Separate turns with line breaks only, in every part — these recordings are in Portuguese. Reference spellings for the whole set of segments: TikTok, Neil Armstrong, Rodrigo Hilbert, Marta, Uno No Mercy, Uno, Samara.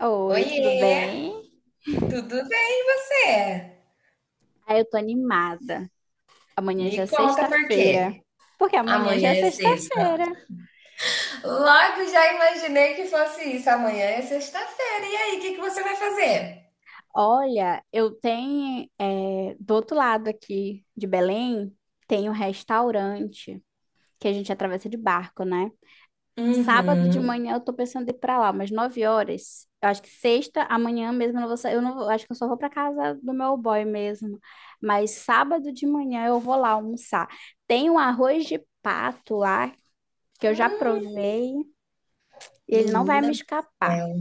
Oi, tudo
Oiê,
bem?
tudo bem?
Ah, eu tô animada. Amanhã já é
Me conta por
sexta-feira.
quê?
Porque amanhã já
Amanhã
é
é sexta.
sexta-feira.
Logo já imaginei que fosse isso. Amanhã é sexta-feira. E aí, o que que você vai fazer?
Olha, eu tenho, do outro lado aqui de Belém, tem um restaurante que a gente atravessa de barco, né? Sábado de
Uhum.
manhã eu tô pensando em ir pra lá, umas 9 horas. Eu acho que sexta, amanhã mesmo eu não vou sair. Eu não vou- Acho que eu só vou pra casa do meu boy mesmo. Mas sábado de manhã eu vou lá almoçar. Tem um arroz de pato lá que eu já
Hum,
provei e ele não vai
menina
me
do
escapar.
céu.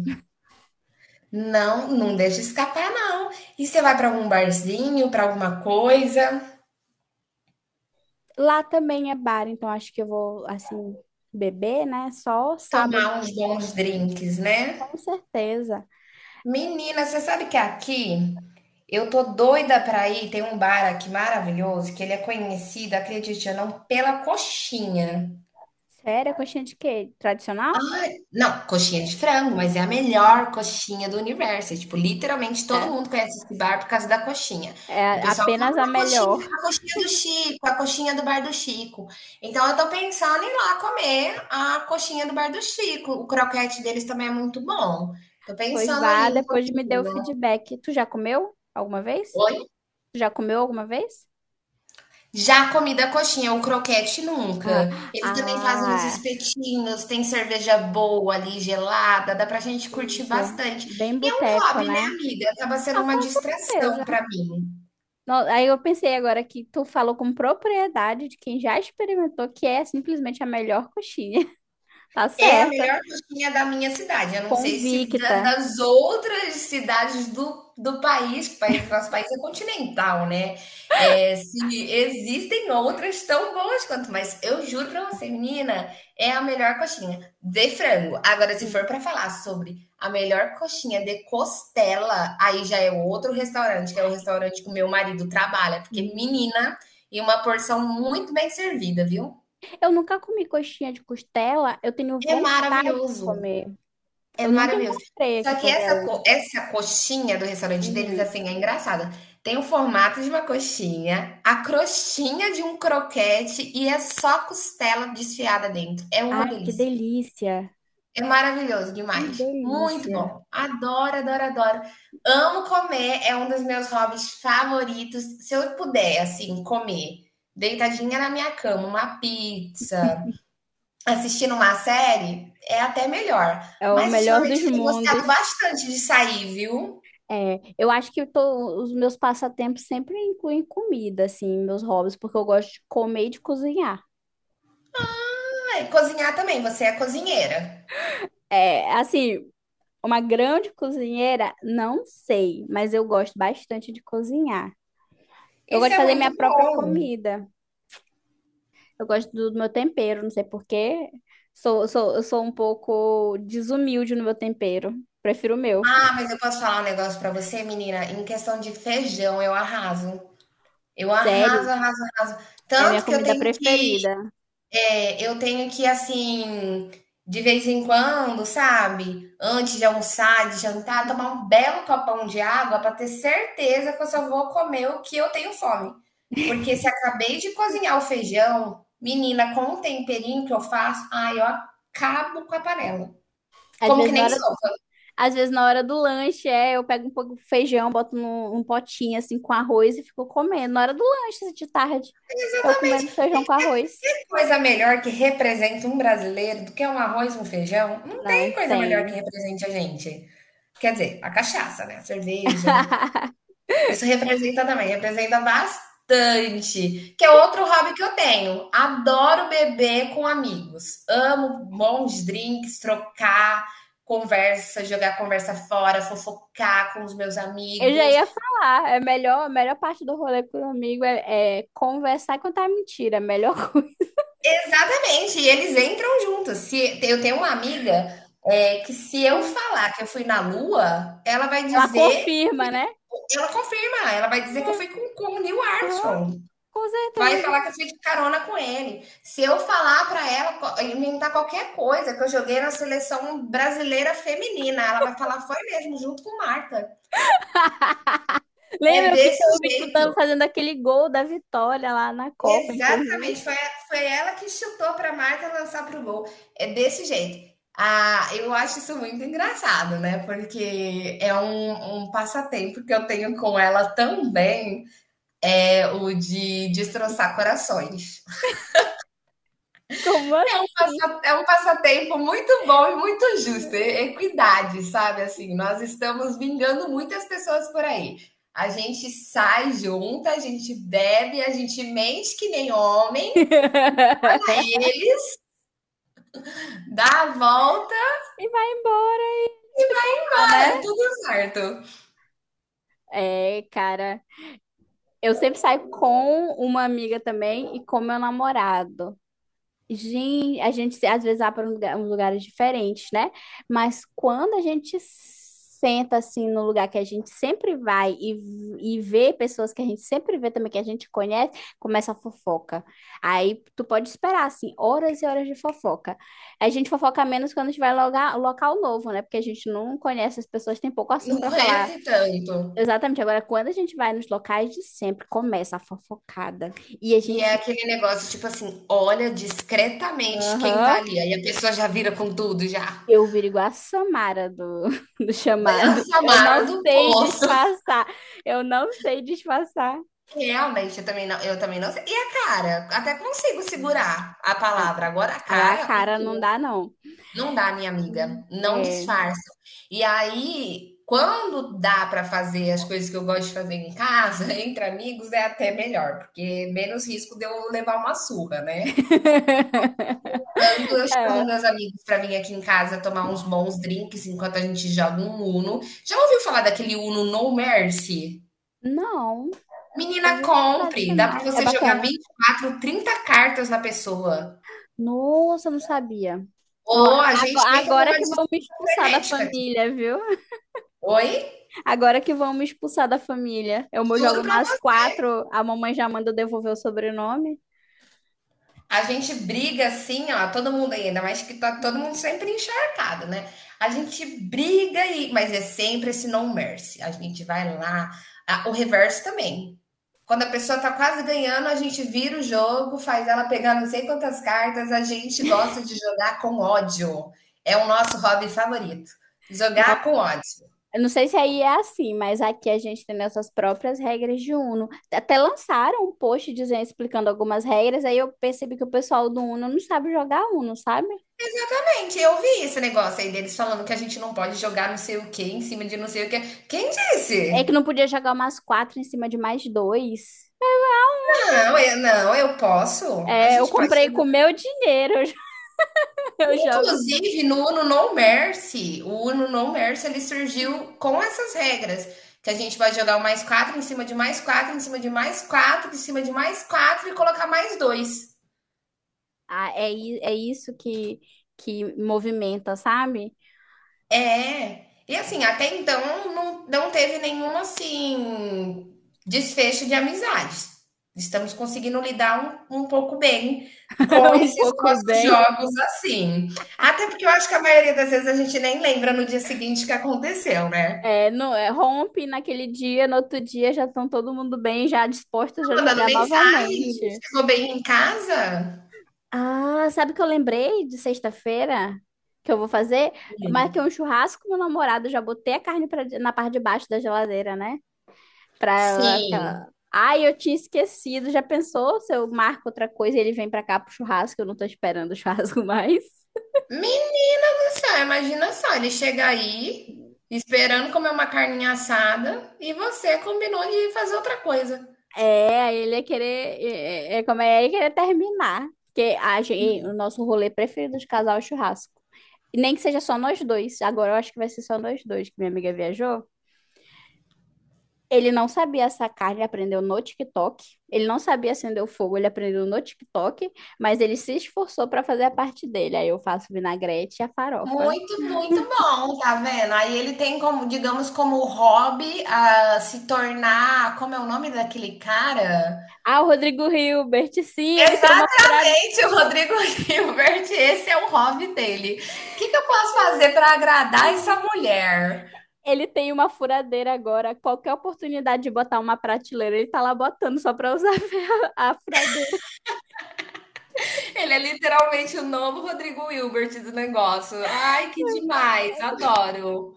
Não, não deixa escapar, não. E você vai para algum barzinho, para alguma coisa,
Lá também é bar, então acho que eu vou, assim, beber, né? Só sábado,
tomar uns bons drinks, né?
com certeza.
Menina, você sabe que aqui eu tô doida pra ir. Tem um bar aqui maravilhoso que ele é conhecido, acredite ou não, pela coxinha.
Sério, coxinha de queijo tradicional?
Ai, não, coxinha de frango, mas é a melhor coxinha do universo. É, tipo, literalmente todo
É.
mundo conhece esse bar por causa da coxinha. O
É
pessoal fala,
apenas a
ah,
melhor.
a coxinha do Chico, a coxinha do bar do Chico. Então eu tô pensando em ir lá comer a coxinha do bar do Chico. O croquete deles também é muito bom. Tô
Pois
pensando
vá,
aí um
depois me dê o
pouquinho.
feedback. Tu já comeu alguma vez? Tu já comeu alguma vez?
Já a comida coxinha, o croquete
Ah,
nunca. Eles também fazem os
ah,
espetinhos, tem cerveja boa ali, gelada, dá pra gente curtir
entendi.
bastante.
Bem
E é um
boteco,
hobby, né,
né?
amiga? Acaba sendo
Ah,
uma
com
distração
certeza.
pra mim.
Aí eu pensei agora que tu falou com propriedade de quem já experimentou que é simplesmente a melhor coxinha. Tá
É a
certa,
melhor coxinha da minha cidade. Eu não sei se
convicta.
das outras cidades do país, nosso país é continental, né? É, se existem outras tão boas quanto, mas eu juro pra você, menina, é a melhor coxinha de frango. Agora, se for pra falar sobre a melhor coxinha de costela, aí já é outro restaurante, que é o restaurante que o meu marido trabalha, porque
Hum.
menina, e uma porção muito bem servida, viu?
Eu nunca comi coxinha de costela, eu tenho
É
vontade de
maravilhoso.
comer.
É
Eu nunca
maravilhoso.
encontrei aqui
Só que
por
essa
Belém.
co essa coxinha do restaurante deles,
Uhum.
assim, é engraçada. Tem o formato de uma coxinha, a crostinha de um croquete e é só costela desfiada dentro. É uma
Ai, que
delícia.
delícia!
É maravilhoso
Que
demais. Muito
delícia!
bom. Adoro, adoro, adoro. Amo comer, é um dos meus hobbies favoritos. Se eu puder, assim, comer deitadinha na minha cama, uma pizza assistindo uma série, é até melhor.
É o
Mas
melhor
ultimamente
dos
eu tenho
mundos.
gostado bastante de sair, viu?
Eu acho que os meus passatempos sempre incluem comida, assim, meus hobbies, porque eu gosto de comer e de cozinhar.
Ah, e cozinhar também, você é cozinheira.
É, assim, uma grande cozinheira? Não sei, mas eu gosto bastante de cozinhar. Eu gosto
Isso
de
é
fazer
muito
minha própria
bom.
comida. Eu gosto do meu tempero, não sei por quê. Eu sou um pouco desumilde no meu tempero. Prefiro o meu.
Ah, mas eu posso falar um negócio pra você, menina? Em questão de feijão, eu arraso. Eu arraso,
Sério,
arraso, arraso.
é a minha
Tanto que eu
comida
tenho que
preferida.
É, eu tenho que, assim, de vez em quando, sabe? Antes de almoçar, de jantar, tomar um belo copão de água para ter certeza que eu só vou comer o que eu tenho fome. Porque se acabei de cozinhar o feijão, menina, com o temperinho que eu faço, ai, eu acabo com a panela.
Às
Como que
vezes na
nem
hora,
sopa.
às vezes na hora do lanche, é, eu pego um pouco de feijão, boto num potinho assim com arroz e fico comendo. Na hora do lanche assim, de tarde, eu comendo
Exatamente. E
feijão com arroz.
que coisa melhor que representa um brasileiro do que um arroz e um feijão? Não
Não
tem coisa melhor que
tem.
represente a gente. Quer dizer, a cachaça, né? A cerveja, isso representa também, representa bastante. Que é outro hobby que eu tenho. Adoro beber com amigos. Amo bons drinks, trocar conversa, jogar conversa fora, fofocar com os meus
Eu já
amigos.
ia falar, é melhor, a melhor parte do rolê com o amigo é conversar e contar mentira, a melhor coisa.
Exatamente, e eles entram juntos. Se eu tenho uma amiga é, que se eu
Hum.
falar que eu fui na Lua, ela vai
Ela
dizer
confirma,
que
né?
ela confirma, ela vai dizer que eu fui com o Neil
Ah,
Armstrong.
com
Vai
certeza.
falar que eu fui de carona com ele. Se eu falar para ela, inventar qualquer coisa que eu joguei na seleção brasileira feminina, ela vai falar, foi mesmo, junto com Marta. É
Lembra eu vi eu
desse
vi
jeito.
fazendo aquele gol da vitória lá na Copa, inclusive?
Exatamente. Foi ela que chutou para Marta lançar pro gol. É desse jeito. Ah, eu acho isso muito engraçado, né? Porque é um passatempo que eu tenho com ela também, é o de destroçar corações.
Como assim?
É um passatempo muito bom e muito justo. É equidade, sabe? Assim, nós estamos vingando muitas pessoas por aí. A gente sai junta, a gente bebe, a gente mente que nem homem, dá a volta,
E vai embora e eles ficam lá, né?
é tudo certo.
É, cara, eu sempre saio com uma amiga também e com meu namorado. Gente, a gente se- às vezes vai para uns lugares diferentes, né? Mas quando a gente senta assim no lugar que a gente sempre vai e vê pessoas que a gente sempre vê também, que a gente conhece, começa a fofoca. Aí tu pode esperar, assim, horas e horas de fofoca. A gente fofoca menos quando a gente vai logar, local novo, né? Porque a gente não conhece as pessoas, tem pouco
Não
assunto para falar.
conhece tanto.
Exatamente. Agora, quando a gente vai nos locais de sempre, começa a fofocada. E a
E é
gente.
aquele negócio, tipo assim, olha discretamente quem tá
Aham.
ali. Aí a pessoa já vira com tudo, já.
Eu viro igual a Samara do
Vai a
chamado. Eu
Samara
não
do
sei
poço.
disfarçar. Eu não sei disfarçar.
Realmente, eu também não sei. E a cara? Até consigo segurar a palavra. Agora, a
Agora a
cara,
cara não dá, não.
não dá, minha amiga. Não
É.
disfarça. E aí, quando dá para fazer as coisas que eu gosto de fazer em casa, entre amigos, é até melhor, porque menos risco de eu levar uma surra, né? Quando eu chamo
É.
meus amigos para vir aqui em casa tomar uns bons drinks enquanto a gente joga um Uno. Já ouviu falar daquele Uno No Mercy?
Não, só
Menina,
vi o
compre. Dá
tradicional.
para
É
você jogar
bacana.
20, 24, 30 cartas na pessoa.
Nossa, eu não sabia. Ó,
Ou a gente entra
agora
numa
que vão me
disputa
expulsar da
frenética aqui.
família, viu?
Oi?
Agora que vão me expulsar da família. Eu
Juro
jogo
pra
mais quatro, a mamãe já manda eu devolver o sobrenome.
A gente briga assim, ó, todo mundo aí, ainda mais que tá todo mundo sempre encharcado, né? A gente briga e, mas é sempre esse no mercy. A gente vai lá, ah, o reverso também. Quando a pessoa tá quase ganhando, a gente vira o jogo, faz ela pegar não sei quantas cartas. A gente gosta de jogar com ódio. É o nosso hobby favorito. Jogar com ódio.
Eu não sei se aí é assim, mas aqui a gente tem nossas próprias regras de Uno. Até lançaram um post dizendo, explicando algumas regras, aí eu percebi que o pessoal do Uno não sabe jogar Uno, sabe?
Exatamente, eu vi esse negócio aí deles falando que a gente não pode jogar não sei o que em cima de não sei o que. Quem
É que
disse?
não podia jogar umas quatro em cima de mais dois.
Não, eu não, eu posso. A
É, eu
gente pode
comprei com
fazer.
meu dinheiro, eu jogo.
Inclusive, no Uno No Mercy, o Uno No Mercy, ele surgiu com essas regras, que a gente vai jogar o mais quatro em cima de mais quatro, em cima de mais quatro, em cima de mais quatro e colocar mais dois.
É isso que movimenta, sabe?
É. E assim, até então não, não teve nenhum assim desfecho de amizades. Estamos conseguindo lidar um pouco bem com
Um
esses
pouco
nossos
bem.
jogos assim. Até porque eu acho que a maioria das vezes a gente nem lembra no dia seguinte o que aconteceu, né?
É, não, é, rompe naquele dia, no outro dia já estão todo mundo bem, já dispostos
Tá
a
mandando
jogar
mensagem,
novamente.
chegou bem em casa?
Ah, sabe o que eu lembrei de sexta-feira que eu vou fazer?
Sim.
Marquei um churrasco com meu namorado, já botei a carne na parte de baixo da geladeira, né? Pra ela.
Sim.
Ai, eu tinha esquecido. Já pensou se eu marco outra coisa e ele vem pra cá pro churrasco? Eu não tô esperando o churrasco mais.
Menina do céu, imagina só, ele chega aí esperando comer uma carninha assada e você combinou de fazer outra coisa.
É, aí ele ia querer. É, como é, ele ia querer terminar. Porque a gente, o nosso rolê preferido de casal é o churrasco. E nem que seja só nós dois. Agora eu acho que vai ser só nós dois, que minha amiga viajou. Ele não sabia sacar, ele aprendeu no TikTok. Ele não sabia acender o fogo, ele aprendeu no TikTok, mas ele se esforçou para fazer a parte dele. Aí eu faço vinagrete e a farofa.
Muito, muito bom, tá vendo? Aí ele tem como, digamos, como hobby a se tornar, como é o nome daquele cara?
Ah, o Rodrigo Hilbert, sim, ele tem uma furadeira.
Exatamente, o Rodrigo Hilbert, esse é o hobby dele. O que que eu posso fazer para agradar essa mulher?
Ele tem uma furadeira agora. Qualquer oportunidade de botar uma prateleira, ele tá lá botando só para usar a furadeira.
Ele é literalmente o novo Rodrigo Hilbert do negócio. Ai, que demais, adoro.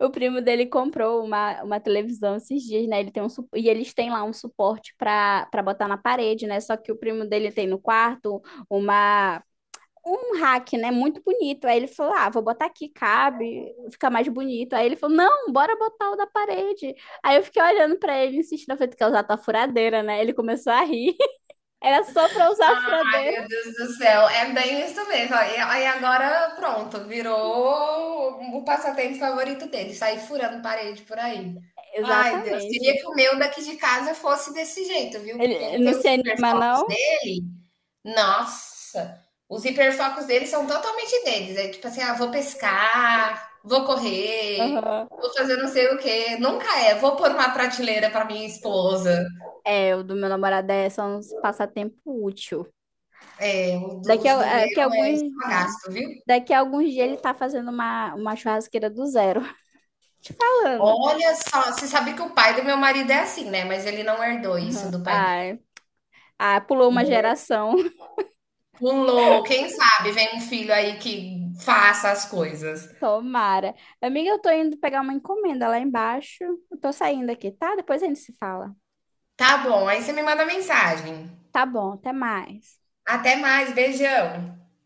O primo dele comprou uma televisão esses dias, né? Ele tem e eles têm lá um suporte para botar na parede, né? Só que o primo dele tem no quarto uma um rack, né? Muito bonito. Aí ele falou: "Ah, vou botar aqui, cabe, fica mais bonito". Aí ele falou: "Não, bora botar o da parede". Aí eu fiquei olhando para ele, insistindo, eu falei: "Tu quer usar tua furadeira, né?". Ele começou a rir. Era só para usar a furadeira.
Meu Deus do céu, é bem isso mesmo. Aí agora, pronto, virou o passatempo favorito dele, sair furando parede por aí. Ai, Deus, queria
Exatamente.
que o meu daqui de casa fosse desse jeito, viu,
Ele
porque ele
ele não
tem
se
os
anima,
hiperfocos
não?
dele. Nossa, os hiperfocos dele são totalmente deles, é tipo assim: "Ah, vou pescar, vou correr,
Aham.
vou fazer não sei o quê", nunca é: "Vou pôr uma prateleira para minha esposa".
É, o do meu namorado é só um passatempo útil.
É, o do
Daqui
os do meu
que
é
alguns,
só
é.
gasto, viu.
Daqui a alguns dias ele tá fazendo uma churrasqueira do zero. Falando.
Olha só, você sabe que o pai do meu marido é assim, né, mas ele não herdou
Uhum.
isso do pai dele.
Ai, pulou uma geração.
Pulou, quem sabe vem um filho aí que faça as coisas.
Tomara. Amiga, eu tô indo pegar uma encomenda lá embaixo. Eu tô saindo aqui, tá? Depois a gente se fala.
Tá bom, aí você me manda mensagem.
Tá bom, até mais.
Até mais, beijão.